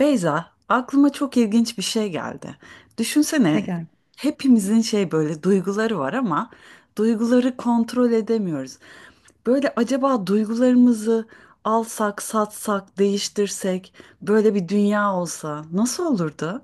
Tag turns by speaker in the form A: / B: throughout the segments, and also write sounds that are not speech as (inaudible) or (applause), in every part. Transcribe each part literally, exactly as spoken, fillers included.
A: Beyza, aklıma çok ilginç bir şey geldi.
B: Ne
A: Düşünsene,
B: geldi?
A: hepimizin şey böyle duyguları var ama duyguları kontrol edemiyoruz. Böyle acaba duygularımızı alsak, satsak, değiştirsek böyle bir dünya olsa nasıl olurdu?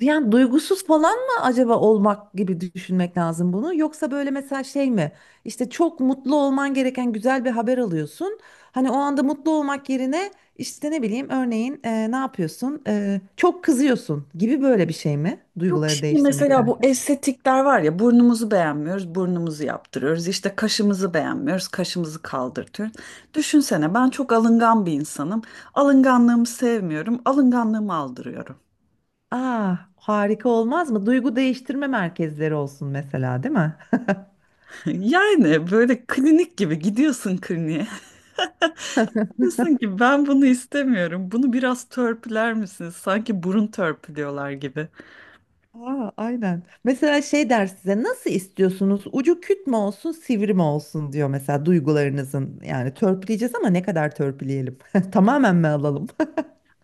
B: Yani duygusuz falan mı acaba olmak gibi düşünmek lazım bunu? Yoksa böyle mesela şey mi? İşte çok mutlu olman gereken güzel bir haber alıyorsun. Hani o anda mutlu olmak yerine işte ne bileyim örneğin e, ne yapıyorsun? E, çok kızıyorsun gibi böyle bir şey mi?
A: Yok
B: Duyguları
A: şimdi
B: değiştirmek
A: mesela bu
B: derken.
A: estetikler var ya burnumuzu beğenmiyoruz, burnumuzu yaptırıyoruz. İşte kaşımızı beğenmiyoruz, kaşımızı kaldırtıyoruz. Düşünsene ben çok alıngan bir insanım. Alınganlığımı sevmiyorum, alınganlığımı aldırıyorum.
B: Aa harika olmaz mı? Duygu değiştirme merkezleri olsun mesela değil mi?
A: Yani böyle klinik gibi gidiyorsun kliniğe. (laughs) Diyorsun ki ben bunu istemiyorum. Bunu biraz törpüler misiniz? Sanki burun törpülüyorlar gibi.
B: Aa, aynen. Mesela şey der size nasıl istiyorsunuz? Ucu küt mü olsun, sivri mi olsun diyor mesela duygularınızın. Yani törpüleyeceğiz ama ne kadar törpüleyelim? (laughs) Tamamen mi alalım?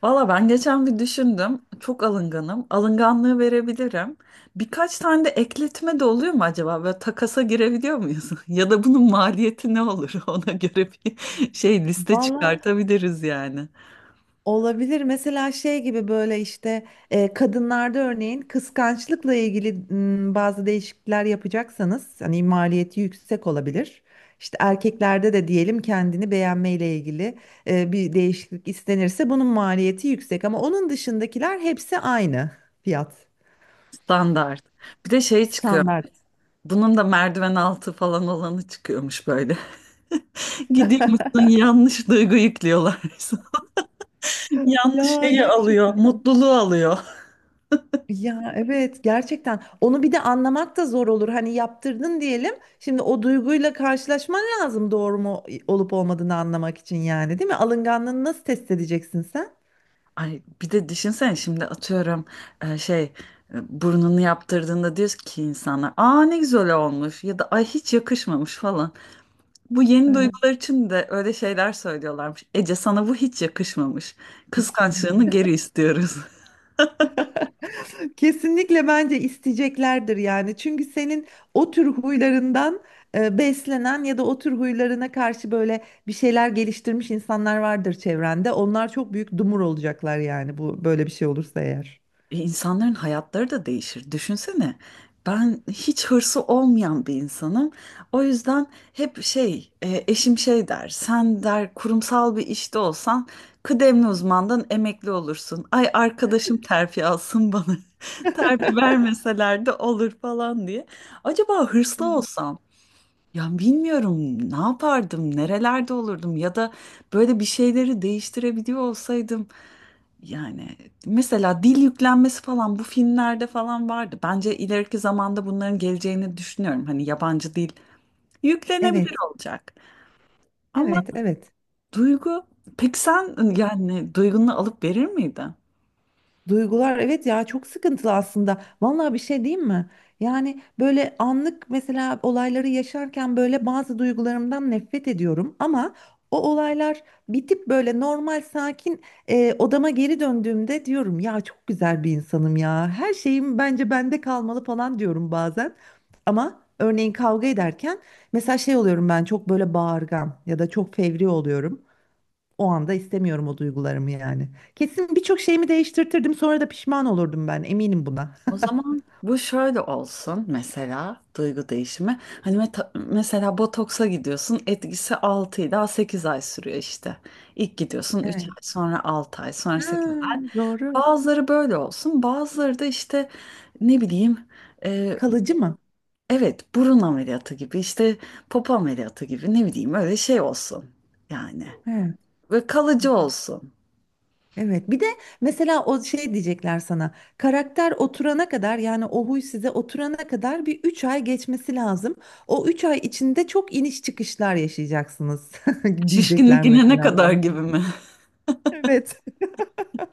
A: Valla ben geçen bir düşündüm. Çok alınganım. Alınganlığı verebilirim. Birkaç tane de ekletme de oluyor mu acaba? Böyle takasa girebiliyor muyuz? (laughs) Ya da bunun maliyeti ne olur? (laughs) Ona göre bir şey
B: (laughs)
A: liste
B: Vallahi
A: çıkartabiliriz yani.
B: Olabilir. Mesela şey gibi böyle işte e, kadınlarda örneğin kıskançlıkla ilgili m, bazı değişiklikler yapacaksanız hani maliyeti yüksek olabilir. İşte erkeklerde de diyelim kendini beğenmeyle ilgili e, bir değişiklik istenirse bunun maliyeti yüksek ama onun dışındakiler hepsi aynı fiyat
A: Standart. Bir de şey çıkıyor.
B: standart.
A: Bunun da merdiven altı falan olanı çıkıyormuş böyle. (laughs) Gidiyormuşsun yanlış duygu yüklüyorlar. (laughs) Yanlış
B: Ya
A: şeyi alıyor,
B: gerçekten.
A: mutluluğu alıyor.
B: Ya evet gerçekten onu bir de anlamak da zor olur. Hani yaptırdın diyelim. Şimdi o duyguyla karşılaşman lazım doğru mu olup olmadığını anlamak için yani değil mi? Alınganlığını nasıl test edeceksin sen?
A: Ay bir de düşünsene şimdi atıyorum e, şey e, burnunu yaptırdığında diyor ki insana aa ne güzel olmuş ya da ay hiç yakışmamış falan. Bu yeni
B: Evet.
A: duygular için de öyle şeyler söylüyorlarmış. Ece sana bu hiç yakışmamış.
B: yakışmadı.
A: Kıskançlığını geri istiyoruz. (laughs)
B: Kesinlikle bence isteyeceklerdir yani. Çünkü senin o tür huylarından e, beslenen ya da o tür huylarına karşı böyle bir şeyler geliştirmiş insanlar vardır çevrende. Onlar çok büyük dumur olacaklar yani bu böyle bir şey olursa eğer.
A: E, İnsanların hayatları da değişir. Düşünsene. Ben hiç hırsı olmayan bir insanım. O yüzden hep şey, e, eşim şey der. Sen der kurumsal bir işte olsan kıdemli uzmandan emekli olursun. Ay arkadaşım terfi alsın bana. (laughs) Terfi vermeseler de olur falan diye. Acaba hırslı olsam ya bilmiyorum ne yapardım, nerelerde olurdum ya da böyle bir şeyleri değiştirebiliyor olsaydım yani mesela dil yüklenmesi falan bu filmlerde falan vardı. Bence ileriki zamanda bunların geleceğini düşünüyorum. Hani yabancı dil
B: Evet,
A: yüklenebilir olacak. Ama
B: evet, evet.
A: duygu peki sen yani duygunu alıp verir miydin?
B: Duygular evet ya çok sıkıntılı aslında. Vallahi bir şey diyeyim mi? Yani böyle anlık mesela olayları yaşarken böyle bazı duygularımdan nefret ediyorum ama o olaylar bitip böyle normal sakin e, odama geri döndüğümde diyorum ya çok güzel bir insanım ya. Her şeyim bence bende kalmalı falan diyorum bazen. Ama örneğin kavga ederken mesela şey oluyorum ben çok böyle bağırgan ya da çok fevri oluyorum. O anda istemiyorum o duygularımı yani. Kesin birçok şeyimi değiştirtirdim sonra da pişman olurdum ben eminim buna.
A: O
B: (laughs)
A: zaman bu şöyle olsun mesela duygu değişimi. Hani meta- mesela botoksa gidiyorsun etkisi altı ila sekiz ay sürüyor işte. İlk gidiyorsun üç
B: Evet.
A: ay sonra altı ay sonra
B: Ha,
A: sekiz.
B: doğru.
A: Bazıları böyle olsun, bazıları da işte ne bileyim e,
B: Kalıcı mı?
A: evet burun ameliyatı gibi işte popo ameliyatı gibi ne bileyim öyle şey olsun yani
B: Evet.
A: ve
B: Evet.
A: kalıcı olsun.
B: Evet. Bir de mesela o şey diyecekler sana. Karakter oturana kadar yani o huy size oturana kadar bir üç ay geçmesi lazım. O üç ay içinde çok iniş çıkışlar yaşayacaksınız (laughs)
A: Şişkinlik
B: diyecekler
A: inene
B: mesela
A: kadar
B: sana.
A: gibi mi?
B: Evet.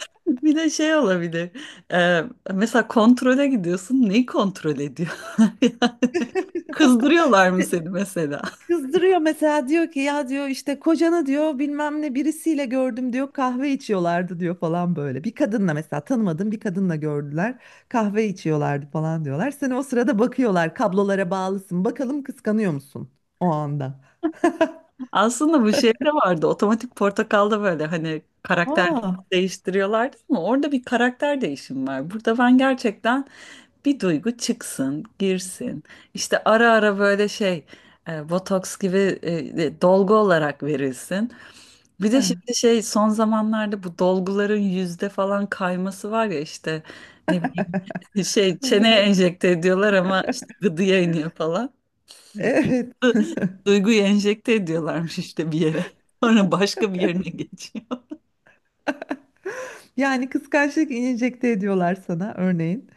A: (laughs) Bir de şey olabilir e, mesela kontrole gidiyorsun neyi kontrol ediyor? (laughs) Kızdırıyorlar mı
B: (laughs)
A: seni mesela?
B: Kızdırıyor mesela diyor ki ya diyor işte kocanı diyor bilmem ne birisiyle gördüm diyor kahve içiyorlardı diyor falan böyle. Bir kadınla mesela tanımadığım bir kadınla gördüler kahve içiyorlardı falan diyorlar. Sen o sırada bakıyorlar kablolara bağlısın bakalım kıskanıyor musun o anda?
A: Aslında bu şey de vardı otomatik portakalda böyle hani karakter
B: Aa.
A: değiştiriyorlardı ama orada bir karakter değişimi var. Burada ben gerçekten bir duygu çıksın, girsin. İşte ara ara böyle şey, e, botoks gibi e, e, dolgu olarak verilsin. Bir
B: Ha,
A: de şimdi şey son zamanlarda bu dolguların yüzde falan kayması var ya işte ne bileyim (laughs) şey
B: evet
A: çeneye enjekte ediyorlar ama işte gıdıya iniyor falan.
B: evet
A: (laughs) Duyguyu enjekte ediyorlarmış işte bir yere. (laughs) Sonra başka bir yerine geçiyor.
B: yani kıskançlık enjekte ediyorlar sana örneğin.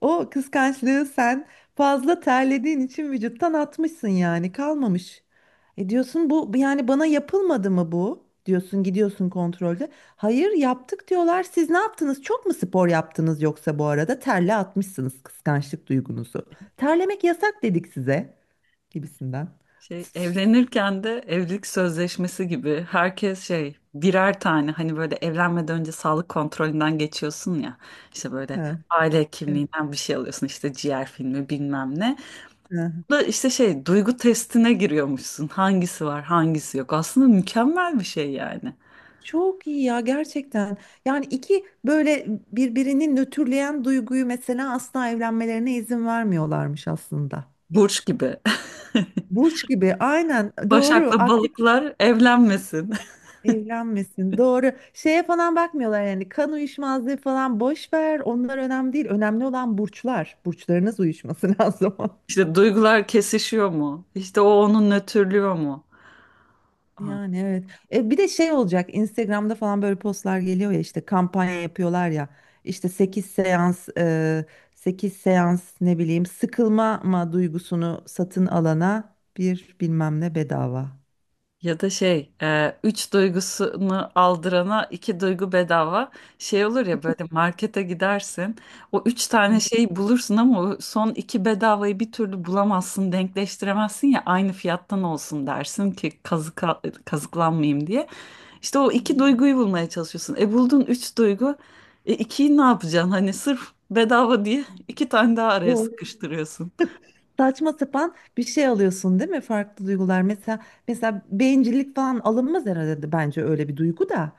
B: O kıskançlığı sen fazla terlediğin için vücuttan atmışsın yani kalmamış. E diyorsun bu yani bana yapılmadı mı bu? Diyorsun gidiyorsun kontrolde. Hayır yaptık diyorlar. Siz ne yaptınız? Çok mu spor yaptınız yoksa bu arada terle atmışsınız kıskançlık duygunuzu. Terlemek yasak dedik size gibisinden.
A: Şey,
B: (laughs)
A: evlenirken de evlilik sözleşmesi gibi herkes şey birer tane hani böyle evlenmeden önce sağlık kontrolünden geçiyorsun ya işte böyle
B: Ha,
A: aile kimliğinden bir şey alıyorsun işte ciğer filmi bilmem ne.
B: evet.
A: Bu Da işte şey duygu testine giriyormuşsun hangisi var hangisi yok aslında mükemmel bir şey yani
B: Çok iyi ya gerçekten. Yani iki böyle birbirini nötrleyen duyguyu mesela asla evlenmelerine izin vermiyorlarmış aslında.
A: burç gibi. (laughs)
B: Burç gibi aynen doğru
A: Başak'la
B: akrep
A: balıklar evlenmesin. (laughs)
B: evlenmesin doğru. Şeye falan bakmıyorlar yani kan uyuşmazlığı falan boş ver onlar önemli değil. Önemli olan burçlar. Burçlarınız uyuşması (laughs) lazım.
A: İşte duygular kesişiyor mu? İşte o onu nötrlüyor mu?
B: Yani evet. E, bir de şey olacak. Instagram'da falan böyle postlar geliyor ya işte kampanya yapıyorlar ya. İşte sekiz seans e, sekiz seans ne bileyim Sıkılma ma duygusunu satın alana bir bilmem ne bedava.
A: Ya da şey, e, üç duygusunu aldırana iki duygu bedava. Şey olur ya böyle markete gidersin, o üç tane
B: Hı
A: şeyi bulursun ama o son iki bedavayı bir türlü bulamazsın, denkleştiremezsin ya aynı fiyattan olsun dersin ki kazık kazıklanmayayım diye. İşte o iki
B: hı.
A: duyguyu bulmaya çalışıyorsun. E buldun üç duygu, e ikiyi ne yapacaksın? Hani sırf bedava diye iki tane daha araya
B: Bu
A: sıkıştırıyorsun.
B: saçma sapan bir şey alıyorsun değil mi? Farklı duygular. Mesela mesela bencillik falan alınmaz herhalde bence öyle bir duygu da.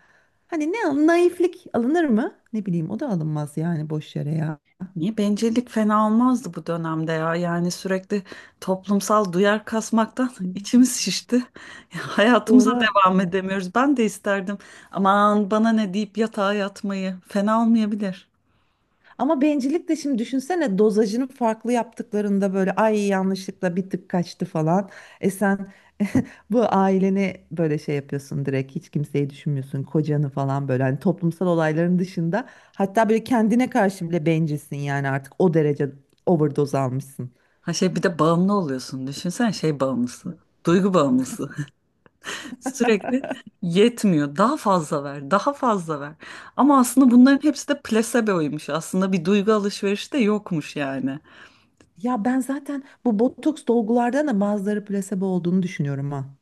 B: Hani ne al- naiflik alınır mı? Ne bileyim o da alınmaz yani boş yere ya.
A: Niye bencillik fena olmazdı bu dönemde ya? Yani sürekli toplumsal duyar kasmaktan
B: Hı.
A: (laughs) içimiz şişti. Ya, hayatımıza
B: Doğru.
A: devam edemiyoruz. Ben de isterdim. Aman bana ne deyip yatağa yatmayı. Fena olmayabilir.
B: Ama bencillik de şimdi düşünsene dozajını farklı yaptıklarında böyle ay yanlışlıkla bir tık kaçtı falan. E sen bu aileni böyle şey yapıyorsun direkt hiç kimseyi düşünmüyorsun kocanı falan böyle hani toplumsal olayların dışında. Hatta böyle kendine karşı bile bencilsin yani artık o derece overdose almışsın.
A: Ha şey bir de bağımlı oluyorsun. Düşünsen şey bağımlısı. Duygu bağımlısı. (laughs) Sürekli yetmiyor. Daha fazla ver, daha fazla ver. Ama aslında bunların hepsi de plaseboymuş. Aslında bir duygu alışverişi de yokmuş yani.
B: Ya ben zaten bu botoks dolgulardan da bazıları plasebo olduğunu düşünüyorum ha.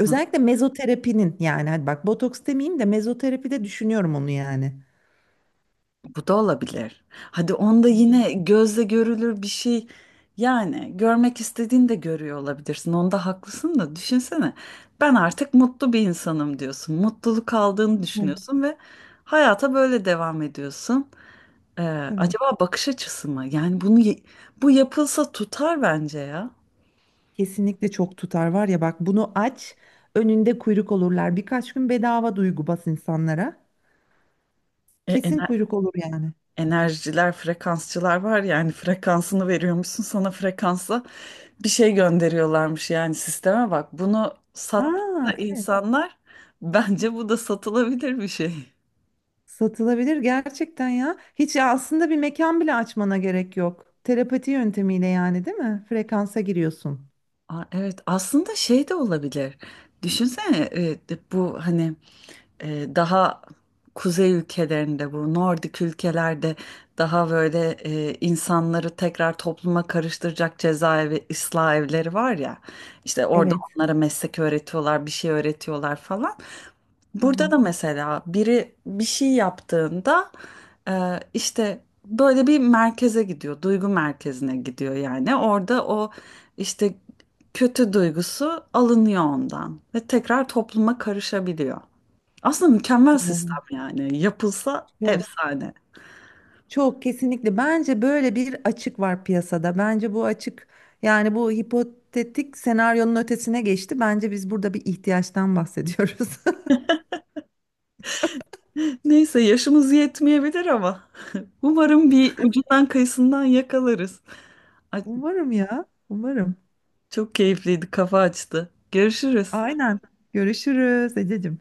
B: Özellikle mezoterapinin yani hadi bak botoks demeyeyim de mezoterapide düşünüyorum onu yani.
A: Bu da olabilir. Hadi onda yine gözle görülür bir şey. Yani görmek istediğini de görüyor olabilirsin. Onda haklısın da düşünsene. Ben artık mutlu bir insanım diyorsun. Mutluluk aldığını
B: Hı,
A: düşünüyorsun ve hayata böyle devam ediyorsun. Ee,
B: tabii.
A: acaba bakış açısı mı? Yani bunu ye- bu yapılsa tutar bence ya.
B: Kesinlikle çok tutar var ya bak bunu aç önünde kuyruk olurlar. Birkaç gün bedava duygu bas insanlara.
A: E,
B: Kesin
A: ener-
B: kuyruk olur yani.
A: Enerjiler, frekansçılar var yani frekansını veriyormuşsun sana frekansla bir şey gönderiyorlarmış yani sisteme bak. Bunu sattı
B: Aa evet.
A: insanlar (laughs) bence bu da satılabilir bir şey.
B: Satılabilir gerçekten ya. Hiç aslında bir mekan bile açmana gerek yok. Terapati yöntemiyle yani değil mi? Frekansa giriyorsun.
A: Aa, evet aslında şey de olabilir. Düşünsene e, de- bu hani e, daha kuzey ülkelerinde bu Nordik ülkelerde daha böyle e, insanları tekrar topluma karıştıracak cezaevi ıslah evleri var ya. İşte orada
B: Evet.
A: onlara meslek öğretiyorlar, bir şey öğretiyorlar falan.
B: Hı
A: Burada
B: hı.
A: da mesela biri bir şey yaptığında e, işte böyle bir merkeze gidiyor, duygu merkezine gidiyor yani. Orada o işte kötü duygusu alınıyor ondan ve tekrar topluma karışabiliyor. Aslında mükemmel
B: Doğru.
A: sistem yani. Yapılsa
B: Yok.
A: efsane.
B: Çok kesinlikle. Bence böyle bir açık var piyasada. Bence bu açık yani bu hipotetik senaryonun ötesine geçti. Bence biz burada bir ihtiyaçtan bahsediyoruz. (laughs)
A: (laughs) Neyse yaşımız yetmeyebilir ama (laughs) umarım bir ucundan kıyısından yakalarız. Ay,
B: Umarım ya. Umarım.
A: çok keyifliydi, kafa açtı. Görüşürüz.
B: Aynen. Görüşürüz Ececiğim.